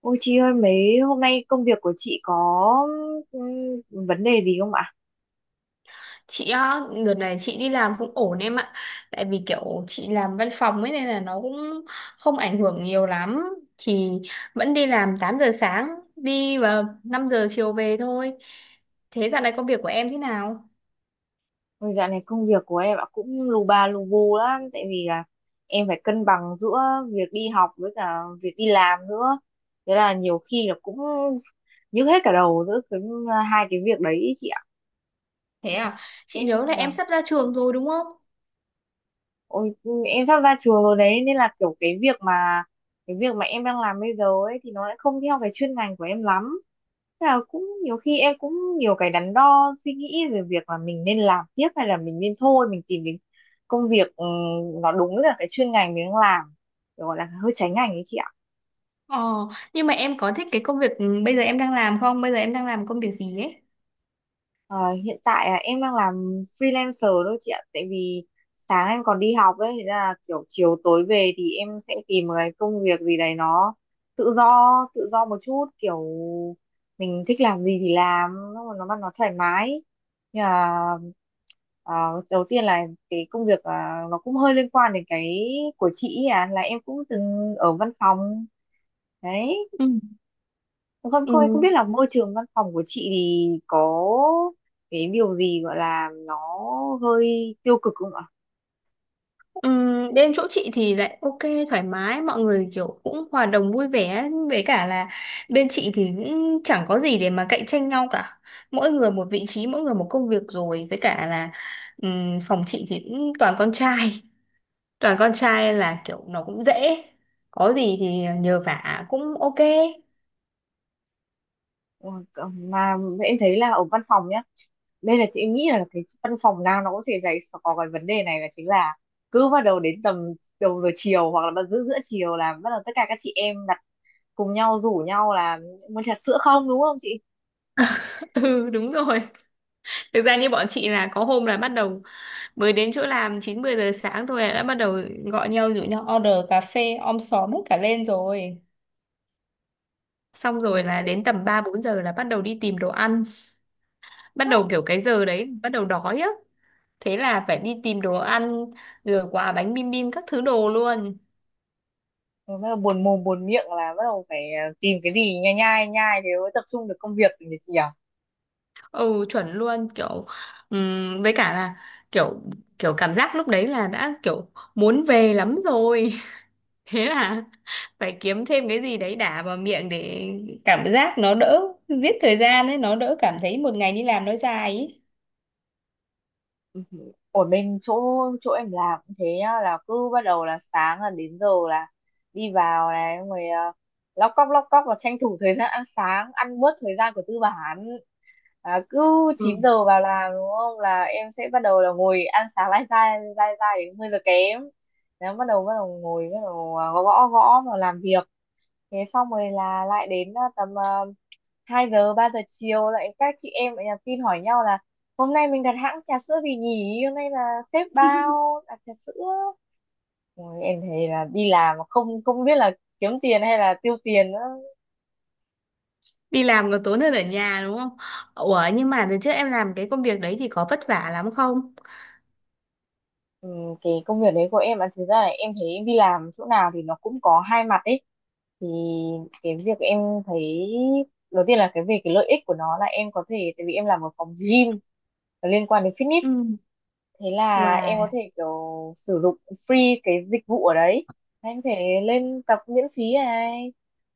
Ôi chị ơi, mấy hôm nay công việc của chị có ừm, vấn đề gì không ạ? Chị á, đợt này chị đi làm cũng ổn em ạ. Tại vì kiểu chị làm văn phòng ấy nên là nó cũng không ảnh hưởng nhiều lắm, thì vẫn đi làm 8 giờ sáng đi và 5 giờ chiều về thôi. Thế dạo này công việc của em thế nào? Ôi, dạo này công việc của em ạ cũng lù bà lù bù lắm, tại vì là em phải cân bằng giữa việc đi học với cả việc đi làm nữa. Thế là nhiều khi là cũng nhức hết cả đầu giữa cái hai cái việc đấy ý chị ạ. Thế Ừ, à, chị em nhớ là em vâng. sắp ra trường rồi đúng không? Ôi, em sắp ra trường rồi đấy, nên là kiểu cái việc mà em đang làm bây giờ ấy thì nó lại không theo cái chuyên ngành của em lắm. Thế là cũng nhiều khi em cũng nhiều cái đắn đo suy nghĩ về việc là mình nên làm tiếp hay là mình nên thôi, mình tìm đến công việc nó đúng là cái chuyên ngành mình đang làm, kiểu gọi là hơi trái ngành ấy chị ạ. ờ nhưng mà em có thích cái công việc bây giờ em đang làm không? Bây giờ em đang làm công việc gì ấy? Ờ, Hiện tại em đang làm freelancer thôi chị ạ, tại vì sáng em còn đi học ấy, thế là kiểu chiều tối về thì em sẽ tìm một cái công việc gì đấy nó tự do, tự do một chút, kiểu mình thích làm gì thì làm, nó thoải mái. Nhưng mà ờ, đầu tiên là cái công việc nó cũng hơi liên quan đến cái của chị ấy, là em cũng từng ở văn phòng đấy. Ừ. Không, Ừ. không, em không biết là môi trường văn phòng của chị thì có cái điều gì gọi là nó hơi tiêu cực không ạ? Bên chỗ chị thì lại ok, thoải mái, mọi người kiểu cũng hòa đồng vui vẻ, với cả là bên chị thì cũng chẳng có gì để mà cạnh tranh nhau cả, mỗi người một vị trí, mỗi người một công việc, rồi với cả là phòng chị thì cũng toàn con trai. Toàn con trai là kiểu nó cũng dễ, có gì thì nhờ vả cũng ok. Ừ, mà em thấy là ở văn phòng nhá, đây là chị nghĩ là cái văn phòng nào nó cũng sẽ giải có cái vấn đề này, là chính là cứ bắt đầu đến tầm đầu giờ chiều, hoặc là bắt giữa giữa chiều là bắt đầu tất cả các chị em đặt, cùng nhau rủ nhau là muốn trà sữa không, đúng không chị? Ừ, đúng rồi. Thực ra như bọn chị là có hôm là bắt đầu mới đến chỗ làm 9 10 giờ sáng thôi đã bắt đầu gọi nhau rủ nhau order cà phê om xóm hết cả lên rồi. Xong rồi là Ừ, đến tầm 3 4 giờ là bắt đầu đi tìm đồ ăn, bắt đó. đầu kiểu cái giờ đấy bắt đầu đói á. Thế là phải đi tìm đồ ăn, rồi quà bánh bim bim các thứ đồ luôn. Rồi bắt đầu buồn mồm buồn miệng là bắt đầu phải tìm cái gì nhai nhai nhai, thế mới tập trung được công việc nhỉ, chị nhỉ? Ừ, chuẩn luôn, kiểu với cả là kiểu kiểu cảm giác lúc đấy là đã kiểu muốn về lắm rồi. Thế là phải kiếm thêm cái gì đấy đả vào miệng để cảm giác nó đỡ, giết thời gian ấy, nó đỡ cảm thấy một ngày đi làm nó dài ấy. Ừ. Ở bên chỗ chỗ em làm cũng thế nhá, là cứ bắt đầu là sáng là đến giờ là đi vào này, xong rồi uh, lóc cóc và tranh thủ thời gian ăn sáng, ăn bớt thời gian của tư bản, cứ 9 giờ vào làm đúng không, là em sẽ bắt đầu là ngồi ăn sáng lai dai đến 10 giờ kém. Đấy, bắt đầu ngồi, bắt đầu gõ gõ gõ và làm việc. Thế xong rồi là lại đến tầm uh, 2 giờ, 3 giờ chiều, lại các chị em lại nhắn tin hỏi nhau là hôm nay mình đặt hãng trà sữa gì nhỉ, hôm nay là sếp bao đặt trà sữa. Ôi, em thấy là đi làm mà không không biết là kiếm tiền hay là tiêu tiền nữa. Đi làm còn tốn hơn ở nhà đúng không? Ủa nhưng mà đợt trước em làm cái công việc đấy thì có vất vả lắm không? Ừ, cái công việc đấy của em là, thực ra là em thấy em đi làm chỗ nào thì nó cũng có 2 mặt ấy. Thì cái việc em thấy đầu tiên là cái về cái lợi ích của nó, là em có thể, tại vì em làm ở phòng gym liên quan đến fitness, Ừ. thế là em có thể Wow. kiểu sử dụng free cái dịch vụ ở đấy, em có thể lên tập miễn phí này.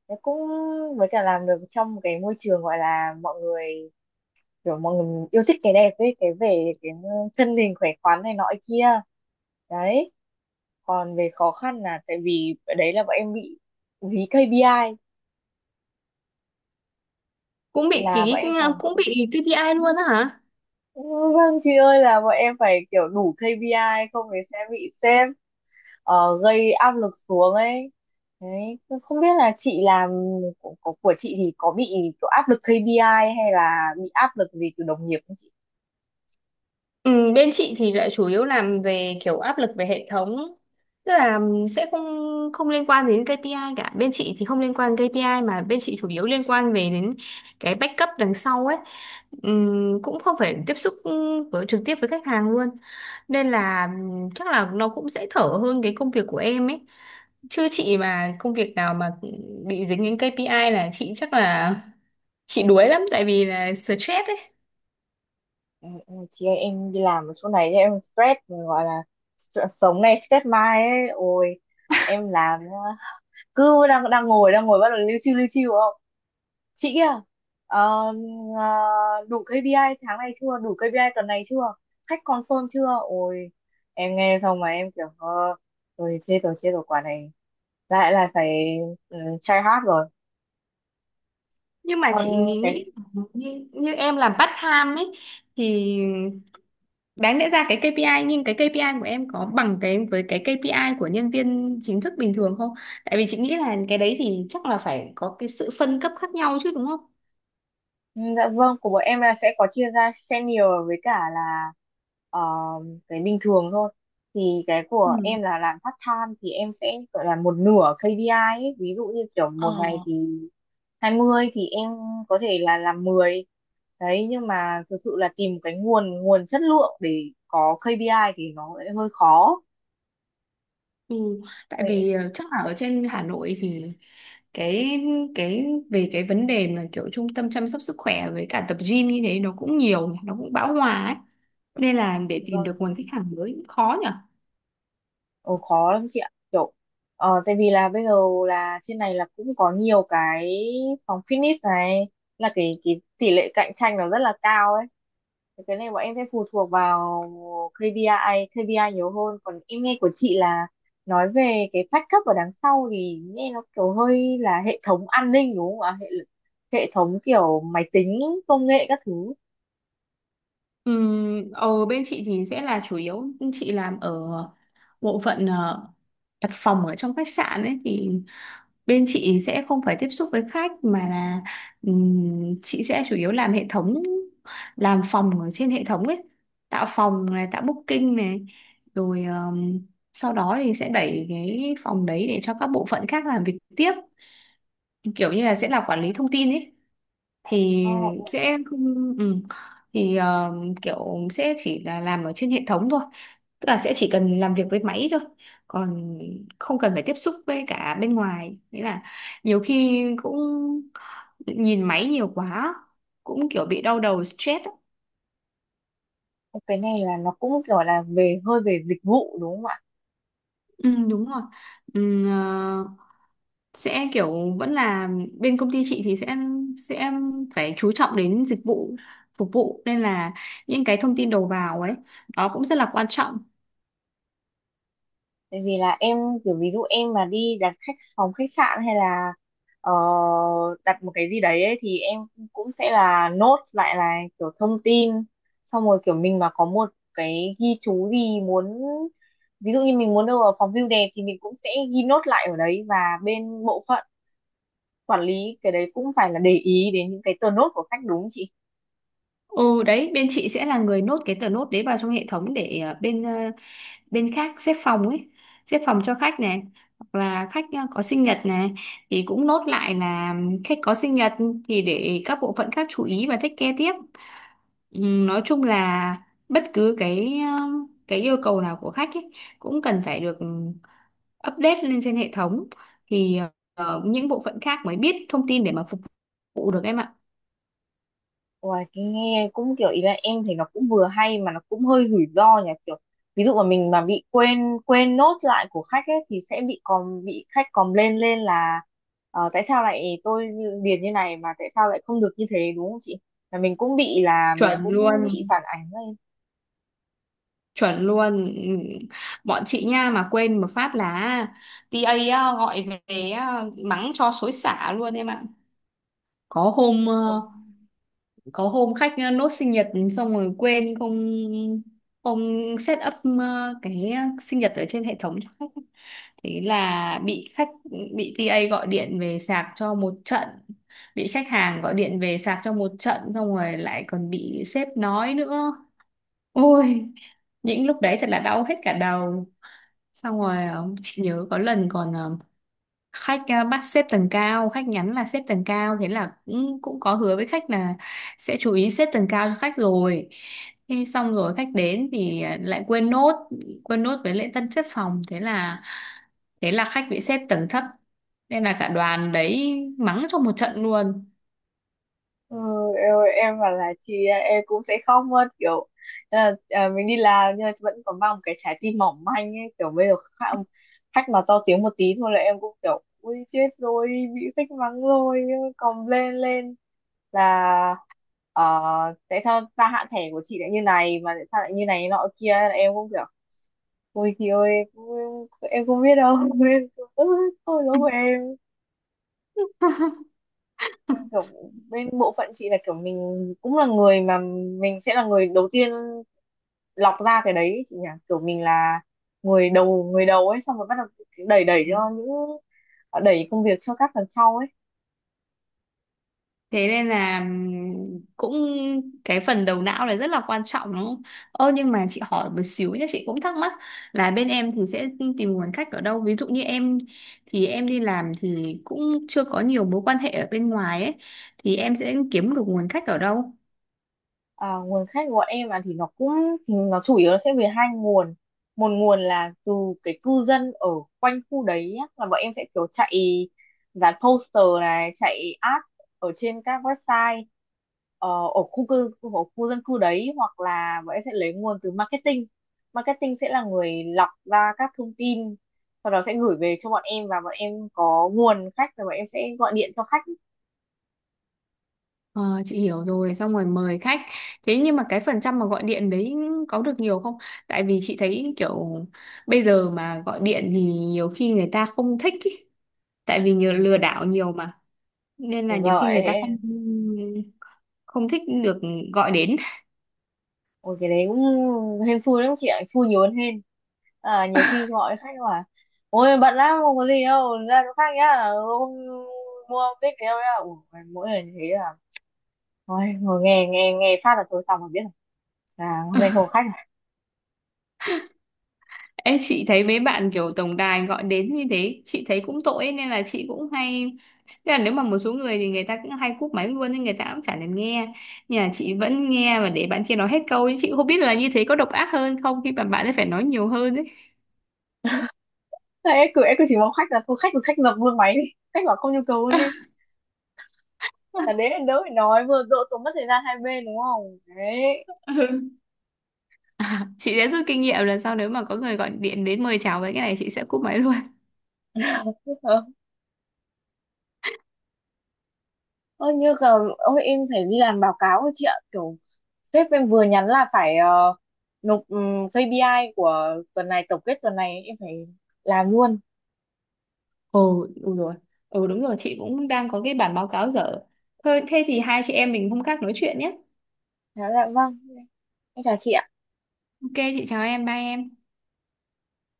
Thế cũng với cả làm được trong một cái môi trường gọi là mọi người, kiểu mọi người yêu thích cái đẹp ấy, cái về cái thân hình khỏe khoắn này nọ kia đấy. Còn về khó khăn là tại vì ở đấy là bọn em bị dí KPI, Cũng bị là bọn ký, em phải. cũng bị KPI luôn á hả? Ừ, vâng chị ơi, là bọn em phải kiểu đủ KPI, không thì sẽ bị sếp gây áp lực xuống ấy. Đấy, tôi không biết là chị làm của chị thì có bị kiểu áp lực KPI hay là bị áp lực gì từ đồng nghiệp không chị? Ừ, bên chị thì lại chủ yếu làm về kiểu áp lực về hệ thống. Tức là ừ, sẽ không không liên quan đến KPI cả. Bên chị thì không liên quan KPI mà bên chị chủ yếu liên quan về đến cái backup đằng sau ấy. Cũng không phải tiếp xúc ừ, với trực tiếp với khách hàng luôn, nên là chắc là nó cũng sẽ thở hơn cái công việc của em ấy. Chứ chị mà công việc nào mà bị dính đến KPI là chị chắc là chị đuối lắm, tại vì là stress ấy. Ừ, ừ, chị ơi, em đi làm ở chỗ này em stress gọi là stress sống này, stress mai ấy. Ôi, em làm cứ đang đang ngồi đang ngồi, bắt đầu lưu chiêu chị kia, ờ, đủ KPI tháng này chưa, đủ KPI tuần này chưa, khách confirm chưa. Ôi, em nghe xong mà em kiểu rồi chết rồi, chết rồi quả này, lại là phải try hard rồi. Nhưng mà Còn chị nghĩ nghĩ cái, như em làm part time ấy thì đáng lẽ ra cái KPI, nhưng cái KPI của em có bằng cái với cái KPI của nhân viên chính thức bình thường không? Tại vì chị nghĩ là cái đấy thì chắc là phải có cái sự phân cấp khác nhau chứ đúng không? ừ, dạ vâng, của bọn em là sẽ có chia ra senior với cả là ờ, cái bình thường thôi. Thì cái của Ừ. em là làm part time thì em sẽ gọi là một nửa KPI ấy. Ví dụ như kiểu một Ờ. ngày thì 20 thì em có thể là làm 10. Đấy, nhưng mà thực sự là tìm cái nguồn nguồn chất lượng để có KPI thì nó lại hơi khó. Ừ, tại Vậy, vì ờ, chắc là ở trên Hà Nội thì cái cái về cái vấn đề mà kiểu trung tâm chăm sóc sức khỏe với cả tập gym như thế nó cũng nhiều, nó cũng bão hòa ấy. Nên là để tìm được vâng. nguồn khách hàng mới cũng khó nhỉ. Ồ, khó lắm chị ạ, kiểu tại vì là bây giờ là trên này là cũng có nhiều cái phòng fitness này, là cái tỷ lệ cạnh tranh nó rất là cao ấy. Thì cái này bọn em sẽ phụ thuộc vào KPI, KPI nhiều hơn. Còn em nghe của chị là nói về cái phát cấp ở đằng sau, thì nghe nó kiểu hơi là hệ thống an ninh đúng không ạ, hệ hệ thống kiểu máy tính, công nghệ các thứ. Ở bên chị thì sẽ là chủ yếu chị làm ở bộ phận ờ, đặt phòng ở trong khách sạn ấy thì bên chị sẽ không phải tiếp xúc với khách mà là chị sẽ chủ yếu làm hệ thống, làm phòng ở trên hệ thống ấy, tạo phòng này, tạo booking này, rồi sau đó thì sẽ đẩy cái phòng đấy để cho các bộ phận khác làm việc tiếp, kiểu như là sẽ là quản lý thông tin ấy. Thì Ờ, Ủa, sẽ không ừ, thì ờ, kiểu sẽ chỉ là làm ở trên hệ thống thôi, tức là sẽ chỉ cần làm việc với máy thôi, còn không cần phải tiếp xúc với cả bên ngoài, nghĩa là nhiều khi cũng nhìn máy nhiều quá cũng kiểu bị đau đầu stress á. cái này là nó cũng kiểu là về hơi về dịch vụ đúng không ạ? Ừ, đúng rồi. Ừ, ờ, sẽ kiểu vẫn là bên công ty chị thì sẽ phải chú trọng đến dịch vụ phục vụ, nên là những cái thông tin đầu vào ấy đó cũng rất là quan trọng. Tại vì là em kiểu, ví dụ em mà đi đặt khách phòng khách sạn hay là ờ, đặt một cái gì đấy ấy, thì em cũng sẽ là nốt lại là kiểu thông tin, xong rồi kiểu mình mà có một cái ghi chú gì muốn, ví dụ như mình muốn đâu ở phòng view đẹp thì mình cũng sẽ ghi nốt lại ở đấy, và bên bộ phận quản lý cái đấy cũng phải là để ý đến những cái tờ nốt của khách, đúng không chị? Ừ, đấy bên chị sẽ là người nốt cái tờ nốt đấy vào trong hệ thống để ờ, bên khác xếp phòng ấy, xếp phòng cho khách này, hoặc là khách ờ, có sinh nhật này thì cũng nốt lại là khách có sinh nhật, thì để các bộ phận khác chú ý và take care tiếp. Ừ, nói chung là bất cứ cái ờ, cái yêu cầu nào của khách ấy cũng cần phải được update lên trên hệ thống, thì ờ, ờ, những bộ phận khác mới biết thông tin để mà phục vụ được em ạ. Uầy, cái nghe cũng kiểu ý là em thấy nó cũng vừa hay mà nó cũng hơi rủi ro nhỉ. Kiểu ví dụ mà mình mà bị quên quên nốt lại của khách ấy thì sẽ bị khách còm lên lên là tại sao lại điền như này, mà tại sao lại không được như thế, đúng không chị? Là mình cũng bị, là mình chuẩn cũng luôn bị phản ánh Chuẩn luôn. Ừ. Bọn chị nha mà quên một phát là TA á, gọi về á, mắng cho xối xả luôn em ạ. Có hôm ờ, lên. có hôm khách nốt sinh nhật, xong rồi quên không không set up ờ, cái sinh nhật ở trên hệ thống cho khách, thế là bị khách, bị TA gọi điện về sạc cho một trận, bị khách hàng gọi điện về sạc cho một trận, xong rồi lại còn bị sếp nói nữa. Ôi, những lúc đấy thật là đau hết cả đầu. Xong rồi ờ, chị nhớ có lần còn ờ, khách ờ, bắt xếp tầng cao, khách nhắn là xếp tầng cao, thế là cũng cũng có hứa với khách là sẽ chú ý xếp tầng cao cho khách rồi. Thế xong rồi khách đến thì ờ, lại quên nốt, quên nốt với lễ tân xếp phòng, thế là khách bị xếp tầng thấp, nên là cả đoàn đấy mắng cho một trận luôn. Ừ, em, em bảo là chị à, em cũng sẽ khóc mất, kiểu mình đi làm nhưng mà vẫn còn mang một cái trái tim mỏng manh ấy. Kiểu bây giờ khách mà to tiếng một tí thôi là em cũng kiểu ui chết rồi, bị khách mắng rồi. Còn lên lên là ờ, tại sao gia hạn thẻ của chị lại như này, mà tại sao lại như này nọ kia, là em cũng kiểu ui chị ơi, em không biết đâu. "Ơ, thôi lỗi của em." Đang kiểu bên bộ phận chị là kiểu mình cũng là người mà, mình sẽ là người đầu tiên lọc ra cái đấy ấy chị nhỉ. Kiểu mình là người đầu ấy, xong rồi bắt đầu đẩy đẩy, cho những đẩy công việc cho các phần sau ấy. Thế nên là cũng cái phần đầu não là rất là quan trọng đúng không? Ơ nhưng mà chị hỏi một xíu nhé, chị cũng thắc mắc là bên em thì sẽ tìm nguồn khách ở đâu? Ví dụ như em thì em đi làm thì cũng chưa có nhiều mối quan hệ ở bên ngoài ấy, thì em sẽ kiếm được nguồn khách ở đâu? À, nguồn khách của bọn em à, thì nó chủ yếu là sẽ về 2 nguồn. Một nguồn là từ cái cư dân ở quanh khu đấy á, là bọn em sẽ kiểu chạy dán poster này, chạy ad ở trên các website ờ, ở khu dân cư đấy. Hoặc là bọn em sẽ lấy nguồn từ marketing marketing sẽ là người lọc ra các thông tin, sau đó sẽ gửi về cho bọn em và bọn em có nguồn khách, rồi bọn em sẽ gọi điện cho khách. Ờ, chị hiểu rồi, xong rồi mời khách. Thế nhưng mà cái phần trăm mà gọi điện đấy có được nhiều không? Tại vì chị thấy kiểu bây giờ mà gọi điện thì nhiều khi người ta không thích ý. Tại vì nhiều Ừ, lừa đảo nhiều mà. Nên là nhiều khi rồi. người ta không không thích được gọi đến. Ôi cái đấy cũng hên xui lắm chị ạ, xui nhiều hơn hên. À, nhiều khi gọi khách hỏi, ôi bận lắm không có gì đâu, ra chỗ khác nhá, không mua không thích thì đâu nhá. Ủa, mỗi lần như thế là, ôi, ngồi nghe nghe nghe phát là thôi xong rồi biết rồi. À, hôm nay không có khách à? Ê, chị thấy mấy bạn kiểu tổng đài gọi đến như thế chị thấy cũng tội ấy, nên là chị cũng hay. Thế là nếu mà một số người thì người ta cũng hay cúp máy luôn, nhưng người ta cũng chả thèm nghe, nhà chị vẫn nghe và để bạn kia nói hết câu ấy. Chị không biết là như thế có độc ác hơn không khi mà bạn ấy phải nói nhiều hơn ấy. Thế em cứ chỉ mong khách là thôi khách thì khách dập luôn máy đi, khách bảo không nhu cầu luôn đi. Là đến đến đâu phải nói vừa độ, tốn mất thời gian 2 bên đúng không? Đấy. Ừ. À, chị sẽ rút kinh nghiệm lần sau nếu mà có người gọi điện đến mời chào với cái này chị sẽ cúp máy luôn. Ờ, Ơ, như là, ôi em phải đi làm báo cáo rồi chị ạ, kiểu sếp em vừa nhắn là phải nộp KPI của tuần này, tổng kết tuần này em phải làm luôn. Ồ, đúng rồi. Ừ đúng rồi, chị cũng đang có cái bản báo cáo dở. Thôi, thế thì hai chị em mình hôm khác nói chuyện nhé. Dạ là vâng, em chào chị ạ. Ok, chị chào em, bye em.